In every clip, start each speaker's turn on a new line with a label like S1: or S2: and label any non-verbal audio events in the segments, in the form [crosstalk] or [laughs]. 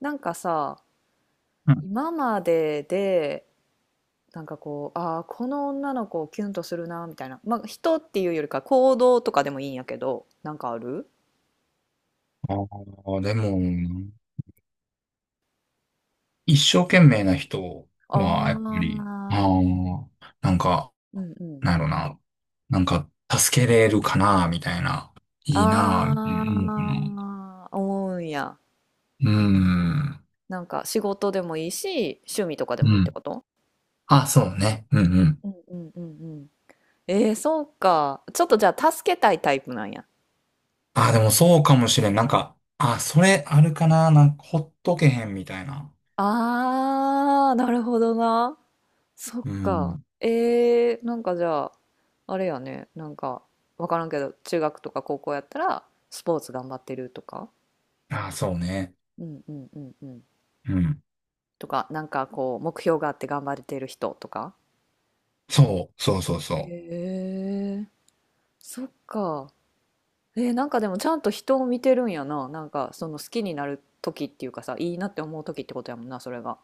S1: なんかさ、
S2: うん。
S1: 今までで、なんかこう、ああ、この女の子をキュンとするな、みたいな。まあ、人っていうよりか行動とかでもいいんやけど、なんかある。
S2: ああ、でも、一生懸命な人
S1: あ
S2: は、やっぱり、あ
S1: あー、
S2: あ、なんか、
S1: うんうん。
S2: なんやろな、なんか、助けれるかな、みたいな、いいな、みたいな思うかな。
S1: ああ、思うんや。
S2: うーん。
S1: なんか仕事でもいいし、趣味とかで
S2: う
S1: もいいって
S2: ん。
S1: こと？
S2: あ、そうね。うんうん。
S1: うんうんうんうん。そうか。ちょっとじゃあ助けたいタイプなんや。
S2: あ、でもそうかもしれん。なんか、あ、それあるかな、なんか、ほっとけへん、みたいな。
S1: ああ、なるほどな。そっ
S2: う
S1: か。
S2: ん。
S1: なんかじゃあ、あれやね、なんか、わからんけど、中学とか高校やったら、スポーツ頑張ってるとか、
S2: あ、そうね。
S1: うんうんうんうん。
S2: うん。
S1: とか、なんかこう、目標があって頑張れてる人とか。
S2: そう、そうそうそう。
S1: へえ、そっか。なんかでもちゃんと人を見てるんやな。なんかその好きになる時っていうかさ、いいなって思う時ってことやもんな、それが。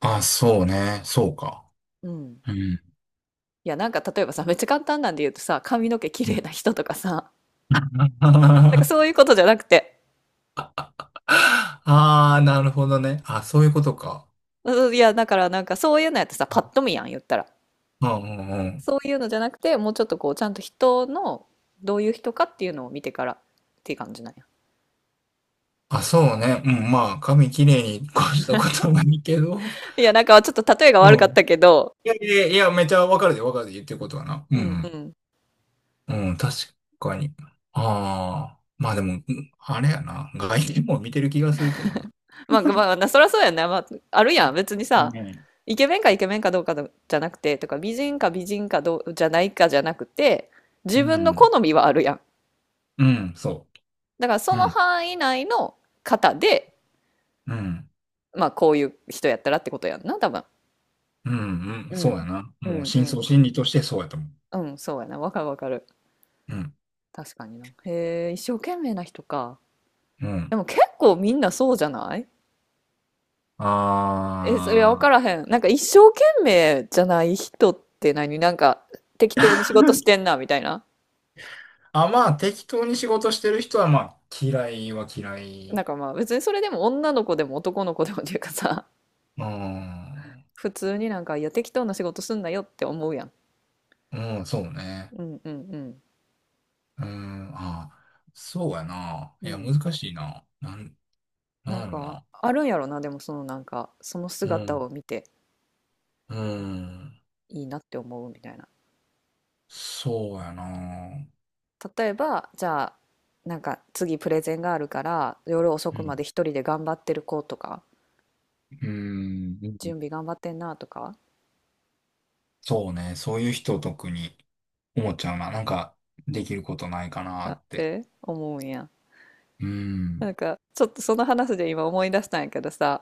S2: あ、そうね。そうか。
S1: うん。
S2: うん。
S1: いや、なんか例えばさ、めっちゃ簡単なんで言うとさ、髪の毛綺
S2: う
S1: 麗
S2: ん
S1: な人とかさ、なんか
S2: [laughs]
S1: そういうことじゃなくて、
S2: ああ、なるほどね。あ、そういうことか。
S1: うん。いや、だからなんかそういうのやってさ、パッと見やん、言ったら。
S2: うんうんうん。
S1: そういうのじゃなくて、もうちょっとこう、ちゃんと人の、どういう人かっていうのを見てからっていう感じなんや。
S2: あ、そうね。うん、まあ、髪きれいに越したことはないけど。
S1: いや、なんかちょっと例えが
S2: う
S1: 悪かっ
S2: ん。
S1: たけど、
S2: いやいやいや、めちゃわかるでわかるで言ってることはな。う
S1: うん
S2: ん
S1: うん。
S2: うん。うん、確かに。ああ、まあでも、うんあれやな。外見も見てる気がするけどな。
S1: まあまあ、なそりゃそうやんね。まあ、あるやん。別に
S2: う
S1: さ、
S2: ん。
S1: イケメンかどうかじゃなくて、とか美人かどうじゃないかじゃなくて、
S2: う
S1: 自分の
S2: ん、
S1: 好みはあるやん。
S2: うんそ
S1: だからそ
S2: う。う
S1: の
S2: ん、
S1: 範囲内の方で、
S2: うん、
S1: まあこういう人やったらってことやんな、多分。
S2: うん、うん、
S1: う
S2: そ
S1: ん。
S2: うやな。
S1: う
S2: もう、
S1: んう
S2: 深層
S1: ん。
S2: 心理としてそうやと思う。
S1: うん、そうやな。わかるわかる。
S2: うん、
S1: 確かにな。へえ、一生懸命な人か。
S2: う
S1: で
S2: ん。
S1: も結構みんなそうじゃない？え、それは
S2: あ
S1: わか
S2: あ。
S1: らへん。なんか一生懸命じゃない人って何なんか、適当に仕事してんな、みたいな。
S2: あ、まあ適当に仕事してる人はまあ嫌いは嫌
S1: な
S2: い。
S1: んかまあ別にそれでも女の子でも男の子でもっていうかさ、
S2: うー
S1: [laughs]
S2: ん。
S1: 普通になんか、いや、適当な仕事すんなよって思うやん。
S2: うん、そうね。
S1: うんうん
S2: うーん。ああ、そうやな
S1: う
S2: あ。い
S1: ん。
S2: や
S1: うん。
S2: 難しいな。あ、な
S1: な
S2: ん
S1: ん
S2: やろ
S1: か、
S2: な。
S1: あるんやろな、でもそのなんか、その
S2: うー
S1: 姿
S2: ん。
S1: を見て
S2: うーん。
S1: いいなって思うみたいな。
S2: そうやなあ。
S1: 例えばじゃあなんか次プレゼンがあるから夜遅
S2: う
S1: くまで一人で頑張ってる子とか、
S2: ーん。
S1: 準備頑張ってんなとか
S2: そうね、そういう人特に思っちゃうな。なんかできることないかなあ
S1: なっ
S2: って。
S1: て思うんや。
S2: うー
S1: な
S2: ん。
S1: んかちょっとその話で今思い出したんやけどさ、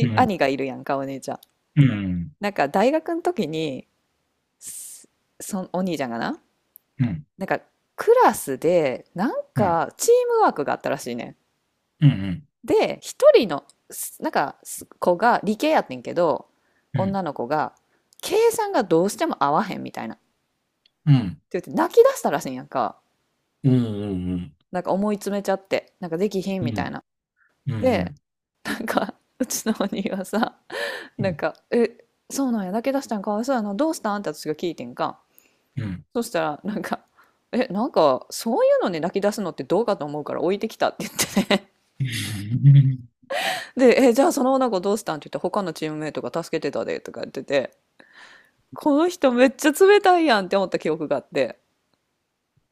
S2: うーん。
S1: 兄がいるやんか、お姉ちゃん。
S2: うーん。
S1: なんか大学の時に、すそのお兄ちゃんがな、
S2: うーん。
S1: なんかクラスでなん
S2: うーん。
S1: かチームワークがあったらしいねん。
S2: うーん。
S1: で、一人の、なんか、子が、理系やってんけど、女
S2: う
S1: の子が、計算がどうしても合わへんみたいな。っ
S2: ーん。
S1: て言って、泣き出したらしいんやんか。なんか思い詰めちゃって、なんかできひん
S2: う
S1: み
S2: ー
S1: たい
S2: ん。
S1: な。
S2: う
S1: で、
S2: ん、
S1: なんか、うちのお兄はさ、
S2: う
S1: なん
S2: ん、
S1: か、え、そうなんや、泣き出したん、かわいそうやな、どうしたんって私が聞いてんか。
S2: うん、
S1: そしたら、なんか、え、なんか、そういうのに泣き出すのってどうかと思うから置いてきたって言ってね。
S2: うん。
S1: で、え、じゃあその女の子どうしたんって言って、他のチームメイトが助けてたで、とか言ってて、この人めっちゃ冷たいやんって思った記憶があって。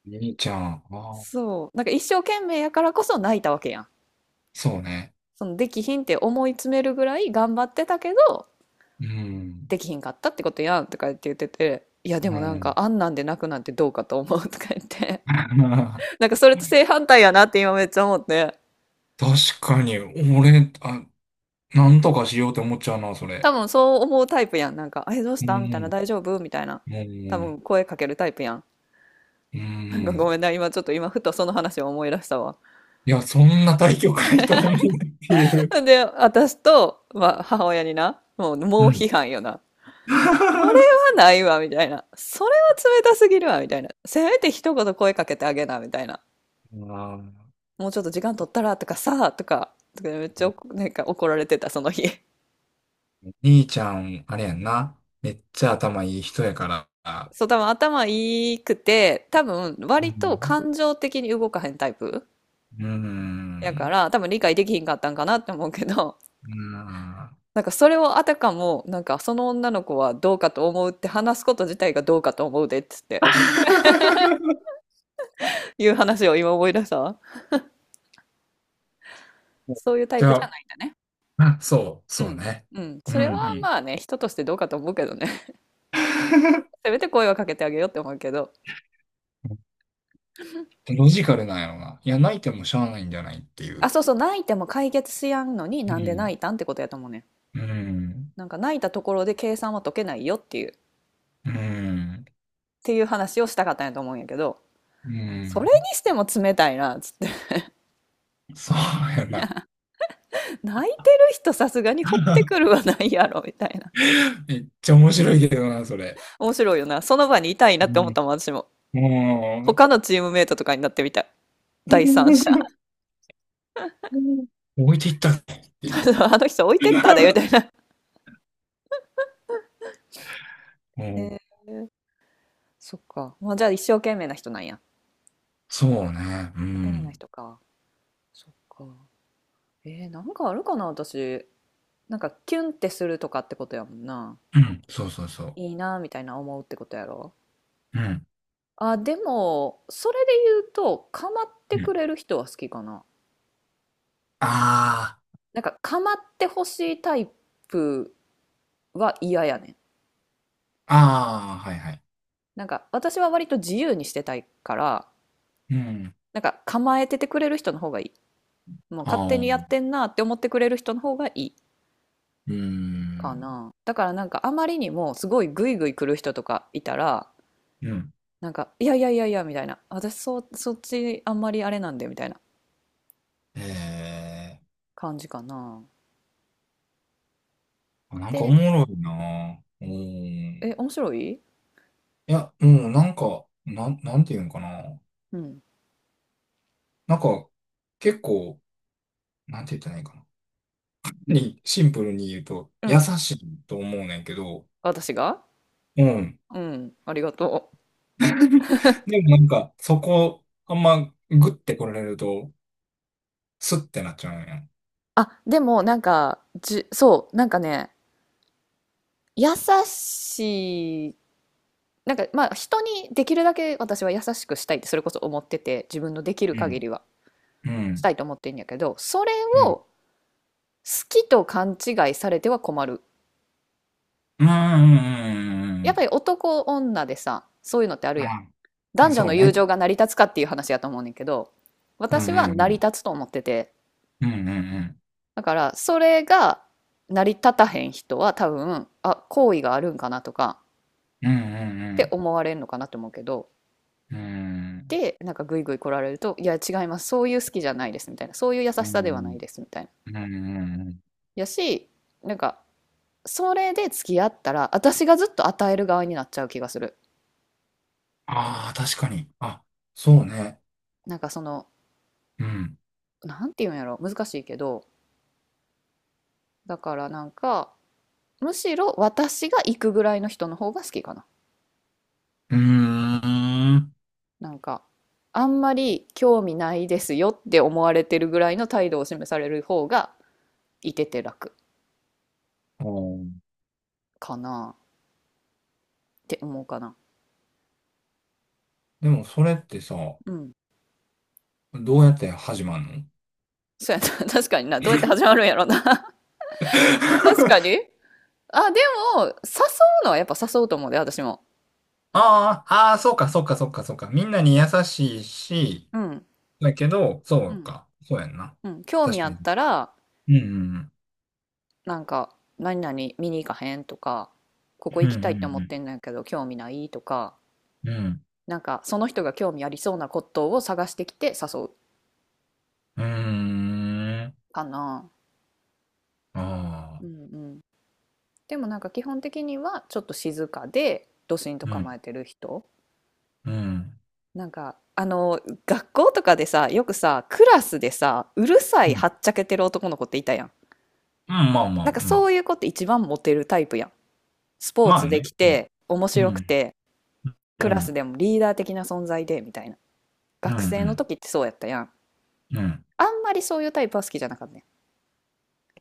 S2: 兄ちゃん、ああ、
S1: そう、なんか一生懸命やからこそ泣いたわけやん。
S2: そうね。
S1: そのできひんって思い詰めるぐらい頑張ってたけど
S2: うん、
S1: できひんかったってことやんとか言ってて、いやで
S2: う
S1: もなんか
S2: ん。
S1: あんなんで泣くなんてどうかと思うとか言って。
S2: [laughs]
S1: [laughs] なんかそれと正反対やなって今めっちゃ思って、
S2: 確かに、俺、あ、なんとかしようって思っちゃうな、それ。
S1: 多分そう思うタイプやん。なんか「えどうし
S2: う
S1: た?」みたいな
S2: ん、
S1: 「大丈夫?」みたいな、
S2: う
S1: 多分
S2: ん、
S1: 声かけるタイプやん。
S2: う
S1: なんかご
S2: ん。
S1: めんな、今ちょっと今ふとその話を思い出したわ。
S2: いや、そんな大局ないと思うっていう。
S1: で、私と、まあ、母親にな、もう、
S2: う
S1: 猛批
S2: ん。
S1: 判よな。それは
S2: [laughs] あ
S1: ないわ、みたいな。それは冷たすぎるわ、みたいな。せめて一言声かけてあげな、みたいな。
S2: あ
S1: もうちょっと時間取ったら、とかさ、とか、とかめっちゃなんか怒られてた、その日。
S2: 兄ちゃん、あれやんな。めっちゃ頭いい人やから。
S1: そう、多分頭いいくて、多分
S2: う
S1: 割と
S2: ん。
S1: 感情的に動かへんタイプ
S2: う
S1: やか
S2: ん。
S1: ら、多分理解できひんかったんかなって思うけど、
S2: うん。
S1: なんかそれをあたかも、なんかその女の子はどうかと思うって話すこと自体がどうかと思うでっつって。
S2: [laughs]
S1: いう話を今思い出した。そういうタイ
S2: じ
S1: プ
S2: ゃ
S1: じゃ
S2: あ、
S1: ないんだね。
S2: まあ、そう、
S1: う
S2: そう
S1: ん。
S2: ね。
S1: うん。
S2: うん
S1: それは
S2: う
S1: まあね、人としてどうかと思うけどね。[laughs] せめて声はかけてあげようって思うけど。
S2: ん。ロジカルなんやろな。いや、泣いてもしゃあないんじゃないってい
S1: あ、
S2: う。
S1: そうそう、泣いても解決しやんのに、
S2: う
S1: なんで
S2: ん。
S1: 泣いたんってことやと思うね。
S2: うん。
S1: なんか泣いたところで計算は解けないよっていう、っ
S2: うん。
S1: ていう話をしたかったんやと思うんやけど、
S2: う
S1: それ
S2: ん。
S1: にしても冷たいな、つって。
S2: そうやな。
S1: [laughs] 泣いてる人さすがに掘ってくるはないやろ、みたいな。
S2: めっちゃ面白いけどな、それ。
S1: 面白いよな。その場にいたいな
S2: う
S1: って思ったもん、私も。
S2: ん。も
S1: 他のチームメイトとかになってみたい。第三者。
S2: う、置いていったねっていう。
S1: [laughs] あの人置いてったで、みたいな。
S2: う
S1: へ
S2: ん。
S1: えー、そっか。まあ、じゃあ一生懸命な人なんや。一
S2: そうね。う
S1: 生懸命な
S2: ん。
S1: 人か。そっか。なんかあるかな、私。なんかキュンってするとかってことやもんな。
S2: うん。そうそうそう。
S1: いいなみたいな思うってことやろ。
S2: うん。
S1: あ、でも、それで言うと、構っ
S2: う
S1: てく
S2: ん。
S1: れる人は好きかな。
S2: あ
S1: なんか構ってほしいタイプは嫌やねん。
S2: あ。ああ、はいはい。
S1: なんか私は割と自由にしてたいから、
S2: うん。
S1: なんか構えててくれる人の方がいい。もう勝手
S2: あ
S1: にや
S2: あ。
S1: ってんなって思ってくれる人の方がいい
S2: うー
S1: か
S2: ん。
S1: な。だからなんかあまりにもすごいグイグイ来る人とかいたら、
S2: うん。
S1: なんか、いやいやいやいやみたいな、そっちあんまりあれなんでみたいな
S2: ええ、
S1: 感じかな。
S2: あ、なんかお
S1: で、
S2: もろいな。うん。い
S1: 面白い。
S2: や、うん、なんか、なんていうんかな。
S1: うん。
S2: なんか、結構、なんて言ったらいいかな。に、シンプルに言うと、
S1: う
S2: 優
S1: ん。
S2: しいと思うねんけど、
S1: 私が、
S2: うん。
S1: うん。ありがとう。
S2: [laughs] でもなんか、そこ、あんま、グッて来られると、スッてなっちゃうんや。
S1: あ、でもなんか、そう、なんかね、優しい、なんかまあ人にできるだけ私は優しくしたいってそれこそ思ってて、自分のできる
S2: う
S1: 限
S2: ん。
S1: りは
S2: う
S1: し
S2: ん。
S1: たいと思ってんやけど、それ
S2: うん。
S1: を好きと勘違いされては困る。
S2: んうんうんう
S1: やっ
S2: ん
S1: ぱり男女でさ、そういうのってあるやん。
S2: うん。あ、
S1: 男女
S2: そ
S1: の
S2: う
S1: 友
S2: ね。
S1: 情が成り立つかっていう話やと思うねんけど、
S2: うんう
S1: 私は
S2: んう
S1: 成り
S2: ん。
S1: 立つと思ってて、
S2: うんうんうん。
S1: だからそれが成り立たへん人は多分、あ、好意があるんかなとか
S2: うんうん
S1: っ
S2: う
S1: て
S2: ん
S1: 思われるのかなと思うけど、
S2: うん。
S1: で、なんかグイグイ来られると、いや違います、そういう好きじゃないですみたいな、そういう優し
S2: う
S1: さではない
S2: ん。
S1: ですみたいな。
S2: うん。うん。
S1: やし、なんかそれで付き合ったら、私がずっと与える側になっちゃう気がする。
S2: ああ、確かに。あ、そうね。
S1: なんかその、
S2: うん。
S1: なんていうんやろ、難しいけど、だからなんか、むしろ私が行くぐらいの人の方が好きかな。
S2: うーん。
S1: なんか、あんまり興味ないですよって思われてるぐらいの態度を示される方がいてて楽
S2: あー、
S1: かなって思うかな。
S2: でも、それってさ、
S1: うん。
S2: どうやって始まんの？
S1: そうやな。[laughs] 確かにな。どうやって始まるんやろな。[laughs] 確か
S2: [laughs]
S1: に。あ、でも、誘うのはやっぱ誘うと思うで、私も。
S2: ああ、ああ、そうか、そうか、そうか、そうか。みんなに優しいし、
S1: うん。
S2: だけど、そ
S1: う
S2: う
S1: ん。
S2: か。そうやんな。
S1: うん。興味
S2: 確
S1: あ
S2: か
S1: ったら、
S2: に。うん。
S1: なんか、何々見に行かへんとか、ここ
S2: う
S1: 行きたいって思っ
S2: ん。
S1: てんのやけど、興味ないとか、
S2: うん。うん。
S1: なんかその人が興味ありそうなことを探してきて誘う
S2: うんうん。うーん。
S1: かな。
S2: あ
S1: う
S2: あ。
S1: んうん。でもなんか基本的にはちょっと静かでドシンと
S2: う
S1: 構
S2: ん。
S1: えてる人。
S2: うん。
S1: なんかあの学校とかでさ、よくさ、クラスでさ、うるさ
S2: う
S1: い
S2: ん。う
S1: はっちゃけてる男の子っていたやん。
S2: んまあま
S1: なん
S2: あ。
S1: か
S2: う
S1: そ
S2: ん。
S1: ういう子って一番モテるタイプやん。スポー
S2: ま
S1: ツ
S2: あ
S1: で
S2: ね。
S1: き
S2: うん。
S1: て面
S2: う
S1: 白く
S2: ん。
S1: て
S2: う
S1: クラス
S2: ん、
S1: でもリーダー的な存在でみたいな。
S2: う
S1: 学生の
S2: ん、
S1: 時ってそうやったやん。
S2: うん、うん。
S1: あんまりそういうタイプは好きじゃなかったね。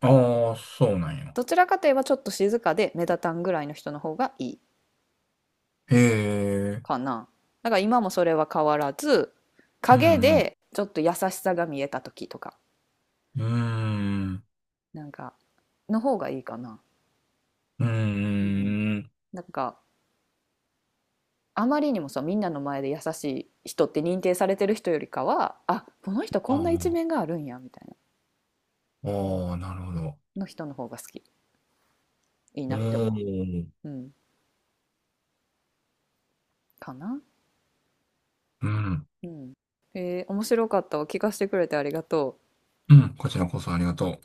S2: ああ、そうなんや。
S1: どちらかといえばちょっと静かで目立たんぐらいの人の方がいい
S2: へえ、
S1: かな。だから今もそれは変わらず、
S2: うん、う
S1: 影
S2: ん、
S1: でちょっと優しさが見えた時とか、
S2: うーん、
S1: なんか、の方がいいかな。
S2: う
S1: うん。
S2: ーん。
S1: なんか、あまりにもさ、みんなの前で優しい人って認定されてる人よりかは、あ、この人
S2: あ
S1: こんな一
S2: あ、
S1: 面があるんや、みたいな、
S2: ああ、なるほど。
S1: の人の方が好き。いい
S2: お
S1: なって思
S2: ー。
S1: う。うん。かな。
S2: うん、
S1: うん。面白かったわ。聞かせてくれてありがとう。
S2: うん、こちらこそありがとう。